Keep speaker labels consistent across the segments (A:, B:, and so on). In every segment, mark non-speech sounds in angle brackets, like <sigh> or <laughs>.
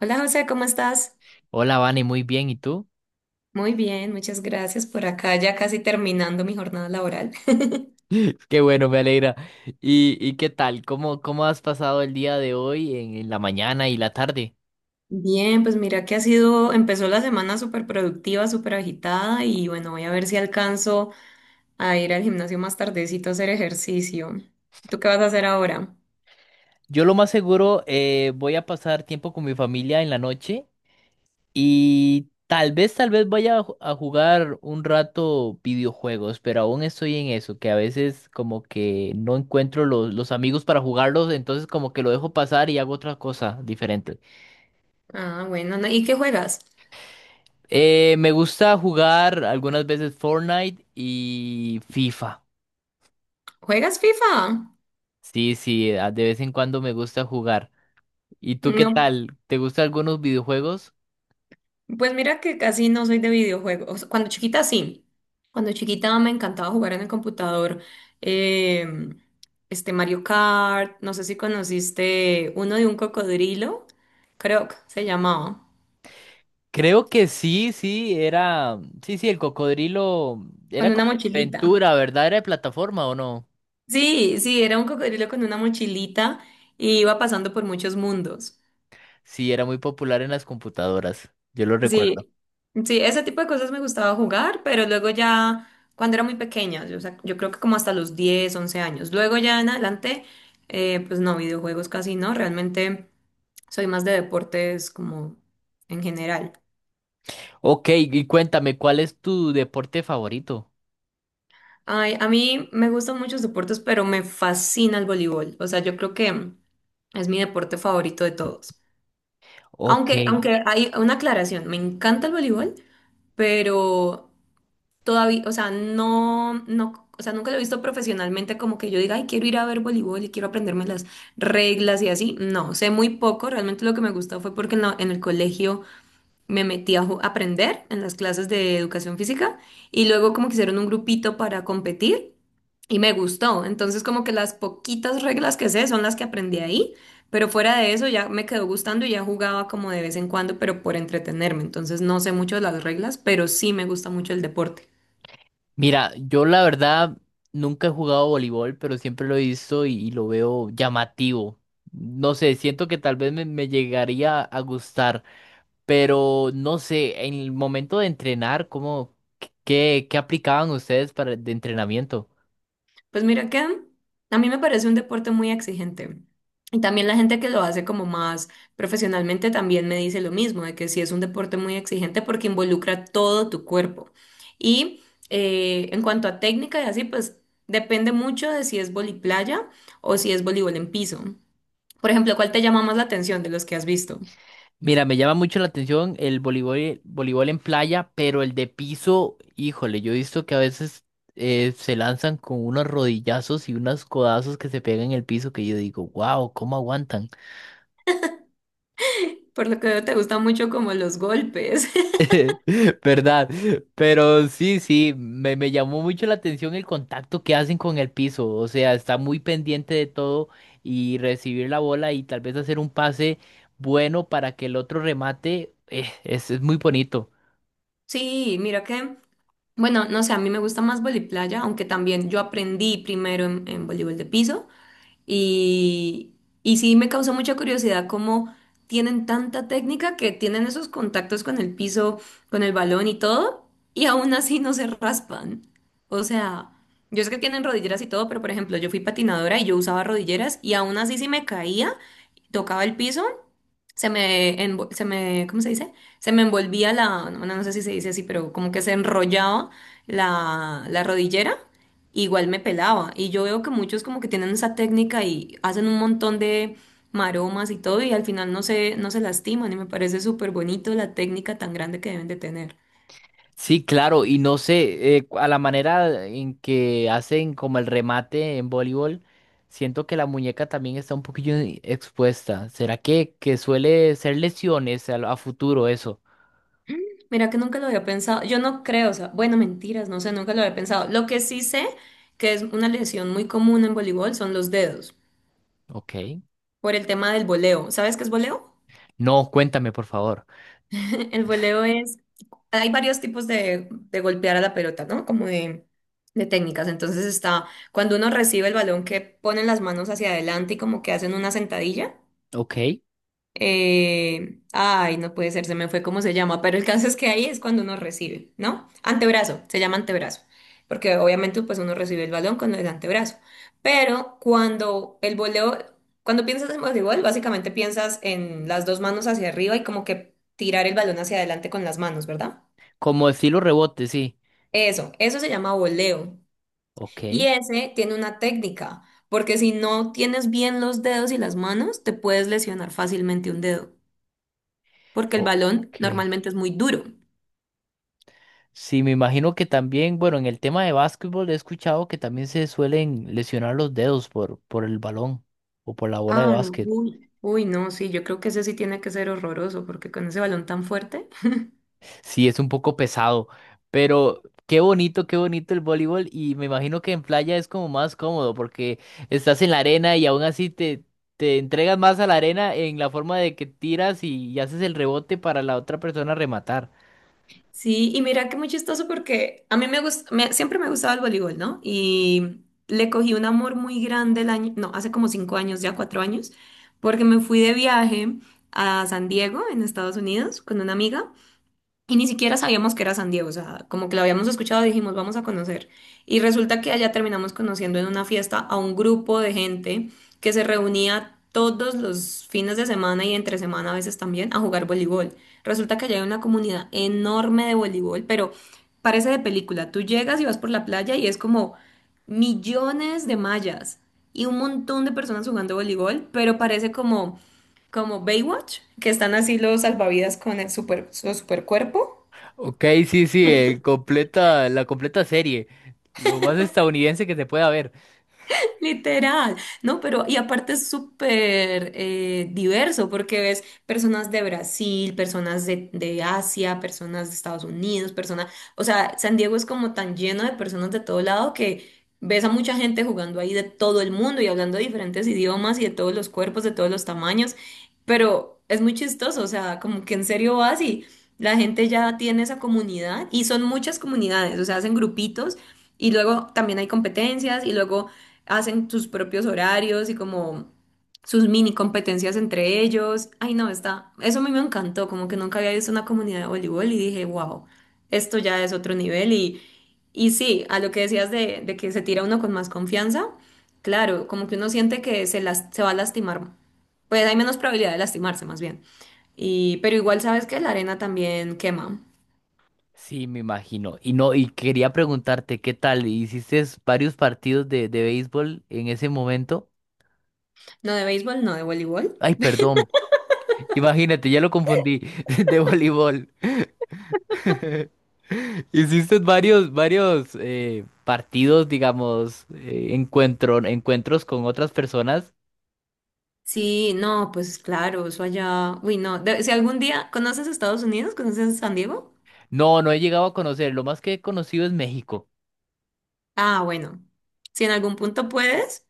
A: Hola José, ¿cómo estás?
B: Hola, Vane, muy bien, ¿y tú?
A: Muy bien, muchas gracias por acá, ya casi terminando mi jornada laboral. <laughs>
B: <laughs> Qué bueno, me alegra. ¿Y qué tal? ¿Cómo has pasado el día de hoy en la mañana y la tarde?
A: Bien, pues mira que empezó la semana súper productiva, súper agitada y bueno, voy a ver si alcanzo a ir al gimnasio más tardecito a hacer ejercicio. ¿Tú qué vas a hacer ahora?
B: Yo lo más seguro voy a pasar tiempo con mi familia en la noche y tal vez vaya a jugar un rato videojuegos, pero aún estoy en eso, que a veces como que no encuentro los amigos para jugarlos, entonces como que lo dejo pasar y hago otra cosa diferente.
A: Ah, bueno, ¿y qué juegas?
B: Me gusta jugar algunas veces Fortnite y FIFA.
A: ¿Juegas FIFA?
B: Sí, sí, de vez en cuando me gusta jugar. ¿Y tú qué
A: No.
B: tal? ¿Te gustan algunos videojuegos?
A: Pues mira que casi no soy de videojuegos. Cuando chiquita sí. Cuando chiquita me encantaba jugar en el computador. eh, este Mario Kart, no sé si conociste uno de un cocodrilo, creo que se llamaba,
B: Creo que sí, sí, era... Sí, sí, el cocodrilo era
A: con una
B: como
A: mochilita.
B: aventura, ¿verdad? ¿Era de plataforma o no?
A: Sí, sí, era un cocodrilo con una mochilita y iba pasando por muchos mundos.
B: Sí, era muy popular en las computadoras. Yo lo recuerdo.
A: Sí, sí, ese tipo de cosas me gustaba jugar, pero luego ya, cuando era muy pequeña, yo, o sea, yo creo que como hasta los 10, 11 años. Luego ya en adelante, pues no, videojuegos casi no, realmente soy más de deportes como en general.
B: Ok, y cuéntame, ¿cuál es tu deporte favorito?
A: Ay, a mí me gustan muchos deportes, pero me fascina el voleibol. O sea, yo creo que es mi deporte favorito de todos.
B: Ok.
A: Aunque hay una aclaración, me encanta el voleibol, pero todavía, o sea, no, no, o sea, nunca lo he visto profesionalmente como que yo diga, ay, quiero ir a ver voleibol y quiero aprenderme las reglas y así. No, sé muy poco. Realmente lo que me gustó fue porque en el colegio me metí a aprender en las clases de educación física y luego como que hicieron un grupito para competir. Y me gustó. Entonces, como que las poquitas reglas que sé son las que aprendí ahí, pero fuera de eso ya me quedó gustando y ya jugaba como de vez en cuando, pero por entretenerme. Entonces, no sé mucho de las reglas, pero sí me gusta mucho el deporte.
B: Mira, yo la verdad nunca he jugado voleibol, pero siempre lo he visto y lo veo llamativo. No sé, siento que tal vez me llegaría a gustar, pero no sé, en el momento de entrenar, ¿cómo, qué aplicaban ustedes para de entrenamiento?
A: Pues mira que a mí me parece un deporte muy exigente. Y también la gente que lo hace como más profesionalmente también me dice lo mismo, de que sí es un deporte muy exigente porque involucra todo tu cuerpo. Y en cuanto a técnica y así, pues depende mucho de si es voliplaya o si es voleibol en piso. Por ejemplo, ¿cuál te llama más la atención de los que has visto?
B: Mira, me llama mucho la atención el voleibol, voleibol en playa, pero el de piso, híjole, yo he visto que a veces se lanzan con unos rodillazos y unos codazos que se pegan en el piso que yo digo, wow, ¿cómo aguantan?
A: Por lo que veo, te gustan mucho como los golpes. <laughs>
B: <laughs> ¿Verdad? Pero sí, sí, me llamó mucho la atención el contacto que hacen con el piso. O sea, está muy pendiente de todo y recibir la bola y tal vez hacer un pase bueno para que el otro remate. Es muy bonito.
A: Sí, mira que bueno, no sé, a mí me gusta más playa, aunque también yo aprendí primero en voleibol de piso y, y sí me causó mucha curiosidad cómo tienen tanta técnica que tienen esos contactos con el piso, con el balón y todo, y aún así no se raspan. O sea, yo sé que tienen rodilleras y todo, pero por ejemplo, yo fui patinadora y yo usaba rodilleras y aún así si me caía, tocaba el piso se me, ¿cómo se dice? Se me envolvía la, no, no sé si se dice así, pero como que se enrollaba la rodillera, igual me pelaba. Y yo veo que muchos como que tienen esa técnica y hacen un montón de maromas y todo, y al final no se lastiman, y me parece súper bonito la técnica tan grande que deben de tener.
B: Sí, claro, y no sé, a la manera en que hacen como el remate en voleibol, siento que la muñeca también está un poquillo expuesta. ¿Será que suele ser lesiones a futuro eso?
A: Mira que nunca lo había pensado, yo no creo, o sea, bueno, mentiras, no sé, nunca lo había pensado. Lo que sí sé que es una lesión muy común en voleibol son los dedos,
B: Ok.
A: por el tema del voleo. ¿Sabes qué es voleo?
B: No, cuéntame, por favor.
A: <laughs> El voleo es, hay varios tipos de golpear a la pelota, ¿no? Como de técnicas. Entonces está cuando uno recibe el balón que ponen las manos hacia adelante y como que hacen una sentadilla.
B: Ok.
A: Ay, no puede ser, se me fue cómo se llama, pero el caso es que ahí es cuando uno recibe, ¿no? Antebrazo, se llama antebrazo, porque obviamente pues uno recibe el balón con el antebrazo, pero cuando el voleo, cuando piensas en voleibol, básicamente piensas en las dos manos hacia arriba y como que tirar el balón hacia adelante con las manos, ¿verdad?
B: Como estilo rebote, sí.
A: Eso se llama voleo y
B: Ok.
A: ese tiene una técnica, porque si no tienes bien los dedos y las manos, te puedes lesionar fácilmente un dedo, porque el
B: Ok.
A: balón normalmente es muy duro.
B: Sí, me imagino que también, bueno, en el tema de básquetbol he escuchado que también se suelen lesionar los dedos por el balón o por la bola de
A: Ah, no,
B: básquet.
A: uy, uy, no, sí, yo creo que ese sí tiene que ser horroroso, porque con ese balón tan fuerte. <laughs>
B: Sí, es un poco pesado, pero qué bonito el voleibol y me imagino que en playa es como más cómodo porque estás en la arena y aún así te entregas más a la arena en la forma de que tiras y haces el rebote para la otra persona rematar.
A: Sí, y mira que muy chistoso porque a mí me gusta, siempre me ha gustado el voleibol, ¿no? Y le cogí un amor muy grande el año, no, hace como 5 años, ya 4 años, porque me fui de viaje a San Diego, en Estados Unidos, con una amiga. Y ni siquiera sabíamos que era San Diego, o sea, como que lo habíamos escuchado, dijimos, vamos a conocer. Y resulta que allá terminamos conociendo en una fiesta a un grupo de gente que se reunía todos los fines de semana y entre semana a veces también a jugar voleibol. Resulta que allá hay una comunidad enorme de voleibol, pero parece de película. Tú llegas y vas por la playa y es como millones de mallas y un montón de personas jugando voleibol, pero parece como, como Baywatch, que están así los salvavidas con el su super cuerpo.
B: Ok, sí, sí, el completa, la completa serie. Lo más estadounidense que se pueda ver.
A: <laughs> Literal, ¿no? Pero y aparte es súper diverso porque ves personas de Brasil, personas de Asia, personas de Estados Unidos, personas, o sea, San Diego es como tan lleno de personas de todo lado que ves a mucha gente jugando ahí de todo el mundo y hablando de diferentes idiomas y de todos los cuerpos, de todos los tamaños, pero es muy chistoso, o sea, como que en serio vas y la gente ya tiene esa comunidad y son muchas comunidades, o sea, hacen grupitos. Y luego también hay competencias y luego hacen sus propios horarios y como sus mini competencias entre ellos. Ay, no, está, eso a mí me encantó, como que nunca había visto una comunidad de voleibol y dije, wow, esto ya es otro nivel y sí, a lo que decías de que se tira uno con más confianza, claro, como que uno siente que se, las, se va a lastimar, pues hay menos probabilidad de lastimarse más bien. Y, pero igual sabes que la arena también quema.
B: Sí, me imagino. Y no, y quería preguntarte, ¿qué tal? ¿Hiciste varios partidos de béisbol en ese momento?
A: No de béisbol, no de voleibol.
B: Ay, perdón. Imagínate, ya lo confundí. <laughs> De voleibol. <laughs> ¿Hiciste varios partidos, digamos, encuentro, encuentros con otras personas?
A: Sí, no, pues claro, eso allá. Uy, no. Si algún día conoces Estados Unidos, conoces San Diego.
B: No, no he llegado a conocer. Lo más que he conocido es México.
A: Ah, bueno. Si en algún punto puedes,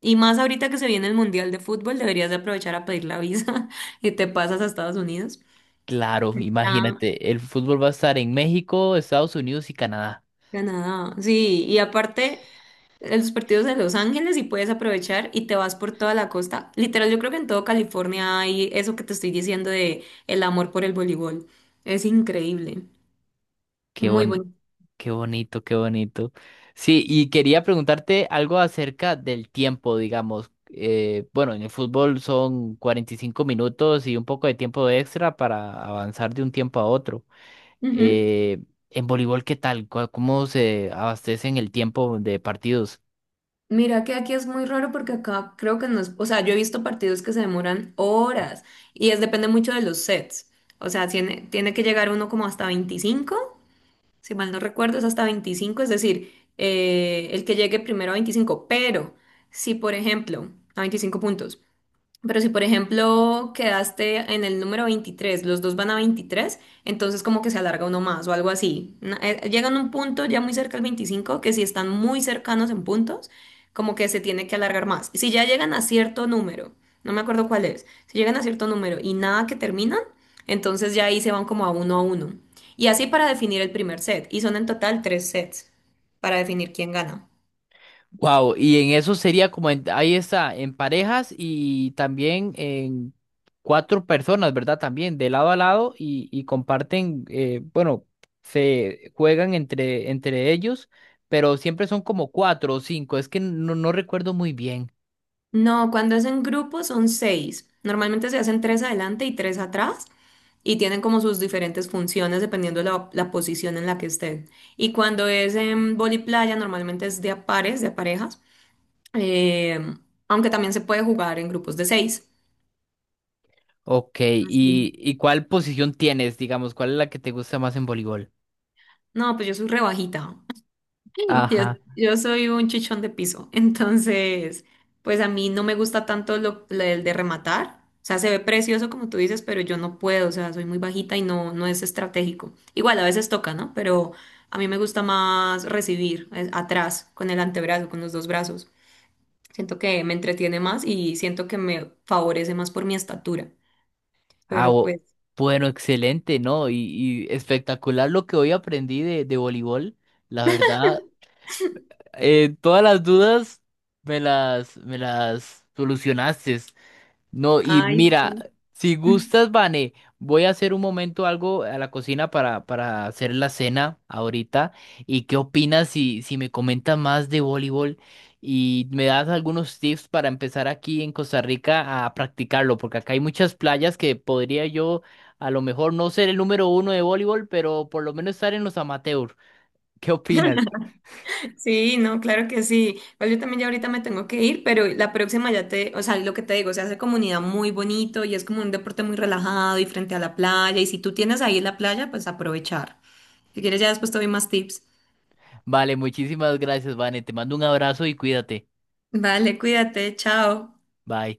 A: y más ahorita que se viene el Mundial de Fútbol, deberías de aprovechar a pedir la visa <laughs> y te pasas a Estados Unidos.
B: Claro,
A: Ah,
B: imagínate, el fútbol va a estar en México, Estados Unidos y Canadá.
A: Canadá. Sí, y aparte, los partidos de Los Ángeles y puedes aprovechar y te vas por toda la costa. Literal, yo creo que en todo California hay eso que te estoy diciendo de el amor por el voleibol. Es increíble.
B: Qué
A: Muy
B: bon-
A: bonito.
B: qué bonito, qué bonito. Sí, y quería preguntarte algo acerca del tiempo, digamos. Bueno, en el fútbol son 45 minutos y un poco de tiempo extra para avanzar de un tiempo a otro. Eh, en voleibol, ¿qué tal? ¿Cómo se abastecen el tiempo de partidos?
A: Mira que aquí es muy raro porque acá creo que no es, o sea, yo he visto partidos que se demoran horas y es depende mucho de los sets. O sea, tiene que llegar uno como hasta 25, si mal no recuerdo, es hasta 25, es decir, el que llegue primero a 25. Pero si por ejemplo, a 25 puntos, pero si, por ejemplo, quedaste en el número 23, los dos van a 23, entonces como que se alarga uno más o algo así. Llegan a un punto ya muy cerca al 25 que si están muy cercanos en puntos, como que se tiene que alargar más. Si ya llegan a cierto número, no me acuerdo cuál es, si llegan a cierto número y nada que terminan, entonces ya ahí se van como a uno a uno. Y así para definir el primer set. Y son en total tres sets para definir quién gana.
B: Wow, y en eso sería como, ahí está, en parejas y también en cuatro personas, ¿verdad? También de lado a lado y comparten, bueno, se juegan entre ellos, pero siempre son como cuatro o cinco, es que no recuerdo muy bien.
A: No, cuando es en grupo son seis. Normalmente se hacen tres adelante y tres atrás y tienen como sus diferentes funciones dependiendo la posición en la que estén. Y cuando es en vóley playa normalmente es de a pares, de a parejas, eh, aunque también se puede jugar en grupos de seis.
B: Ok, ¿y,
A: Así.
B: y cuál posición tienes, digamos? ¿Cuál es la que te gusta más en voleibol?
A: No, pues yo soy rebajita. <laughs> Yo,
B: Ajá.
A: yo soy un chichón de piso, entonces, pues a mí no me gusta tanto lo del de rematar. O sea, se ve precioso como tú dices, pero yo no puedo, o sea, soy muy bajita y no, no es estratégico. Igual a veces toca, ¿no? Pero a mí me gusta más recibir atrás, con el antebrazo, con los dos brazos. Siento que me entretiene más y siento que me favorece más por mi estatura.
B: Ah,
A: Pero
B: o-
A: pues,
B: bueno, excelente, ¿no? Y espectacular lo que hoy aprendí de voleibol. La verdad. Todas las dudas me las solucionaste. No, y
A: ay,
B: mira,
A: sí.
B: si gustas, Vane, voy a hacer un momento algo a la cocina para hacer la cena ahorita. ¿Y qué opinas si me comentas más de voleibol y me das algunos tips para empezar aquí en Costa Rica a practicarlo? Porque acá hay muchas playas que podría yo a lo mejor no ser el número uno de voleibol, pero por lo menos estar en los amateurs. ¿Qué opinas?
A: Sí, no, claro que sí. Igual yo también ya ahorita me tengo que ir, pero la próxima ya te, o sea, lo que te digo, se hace comunidad muy bonito y es como un deporte muy relajado y frente a la playa. Y si tú tienes ahí la playa, pues aprovechar. Si quieres, ya después te doy más tips.
B: Vale, muchísimas gracias, Vane. Te mando un abrazo y cuídate.
A: Vale, cuídate, chao.
B: Bye.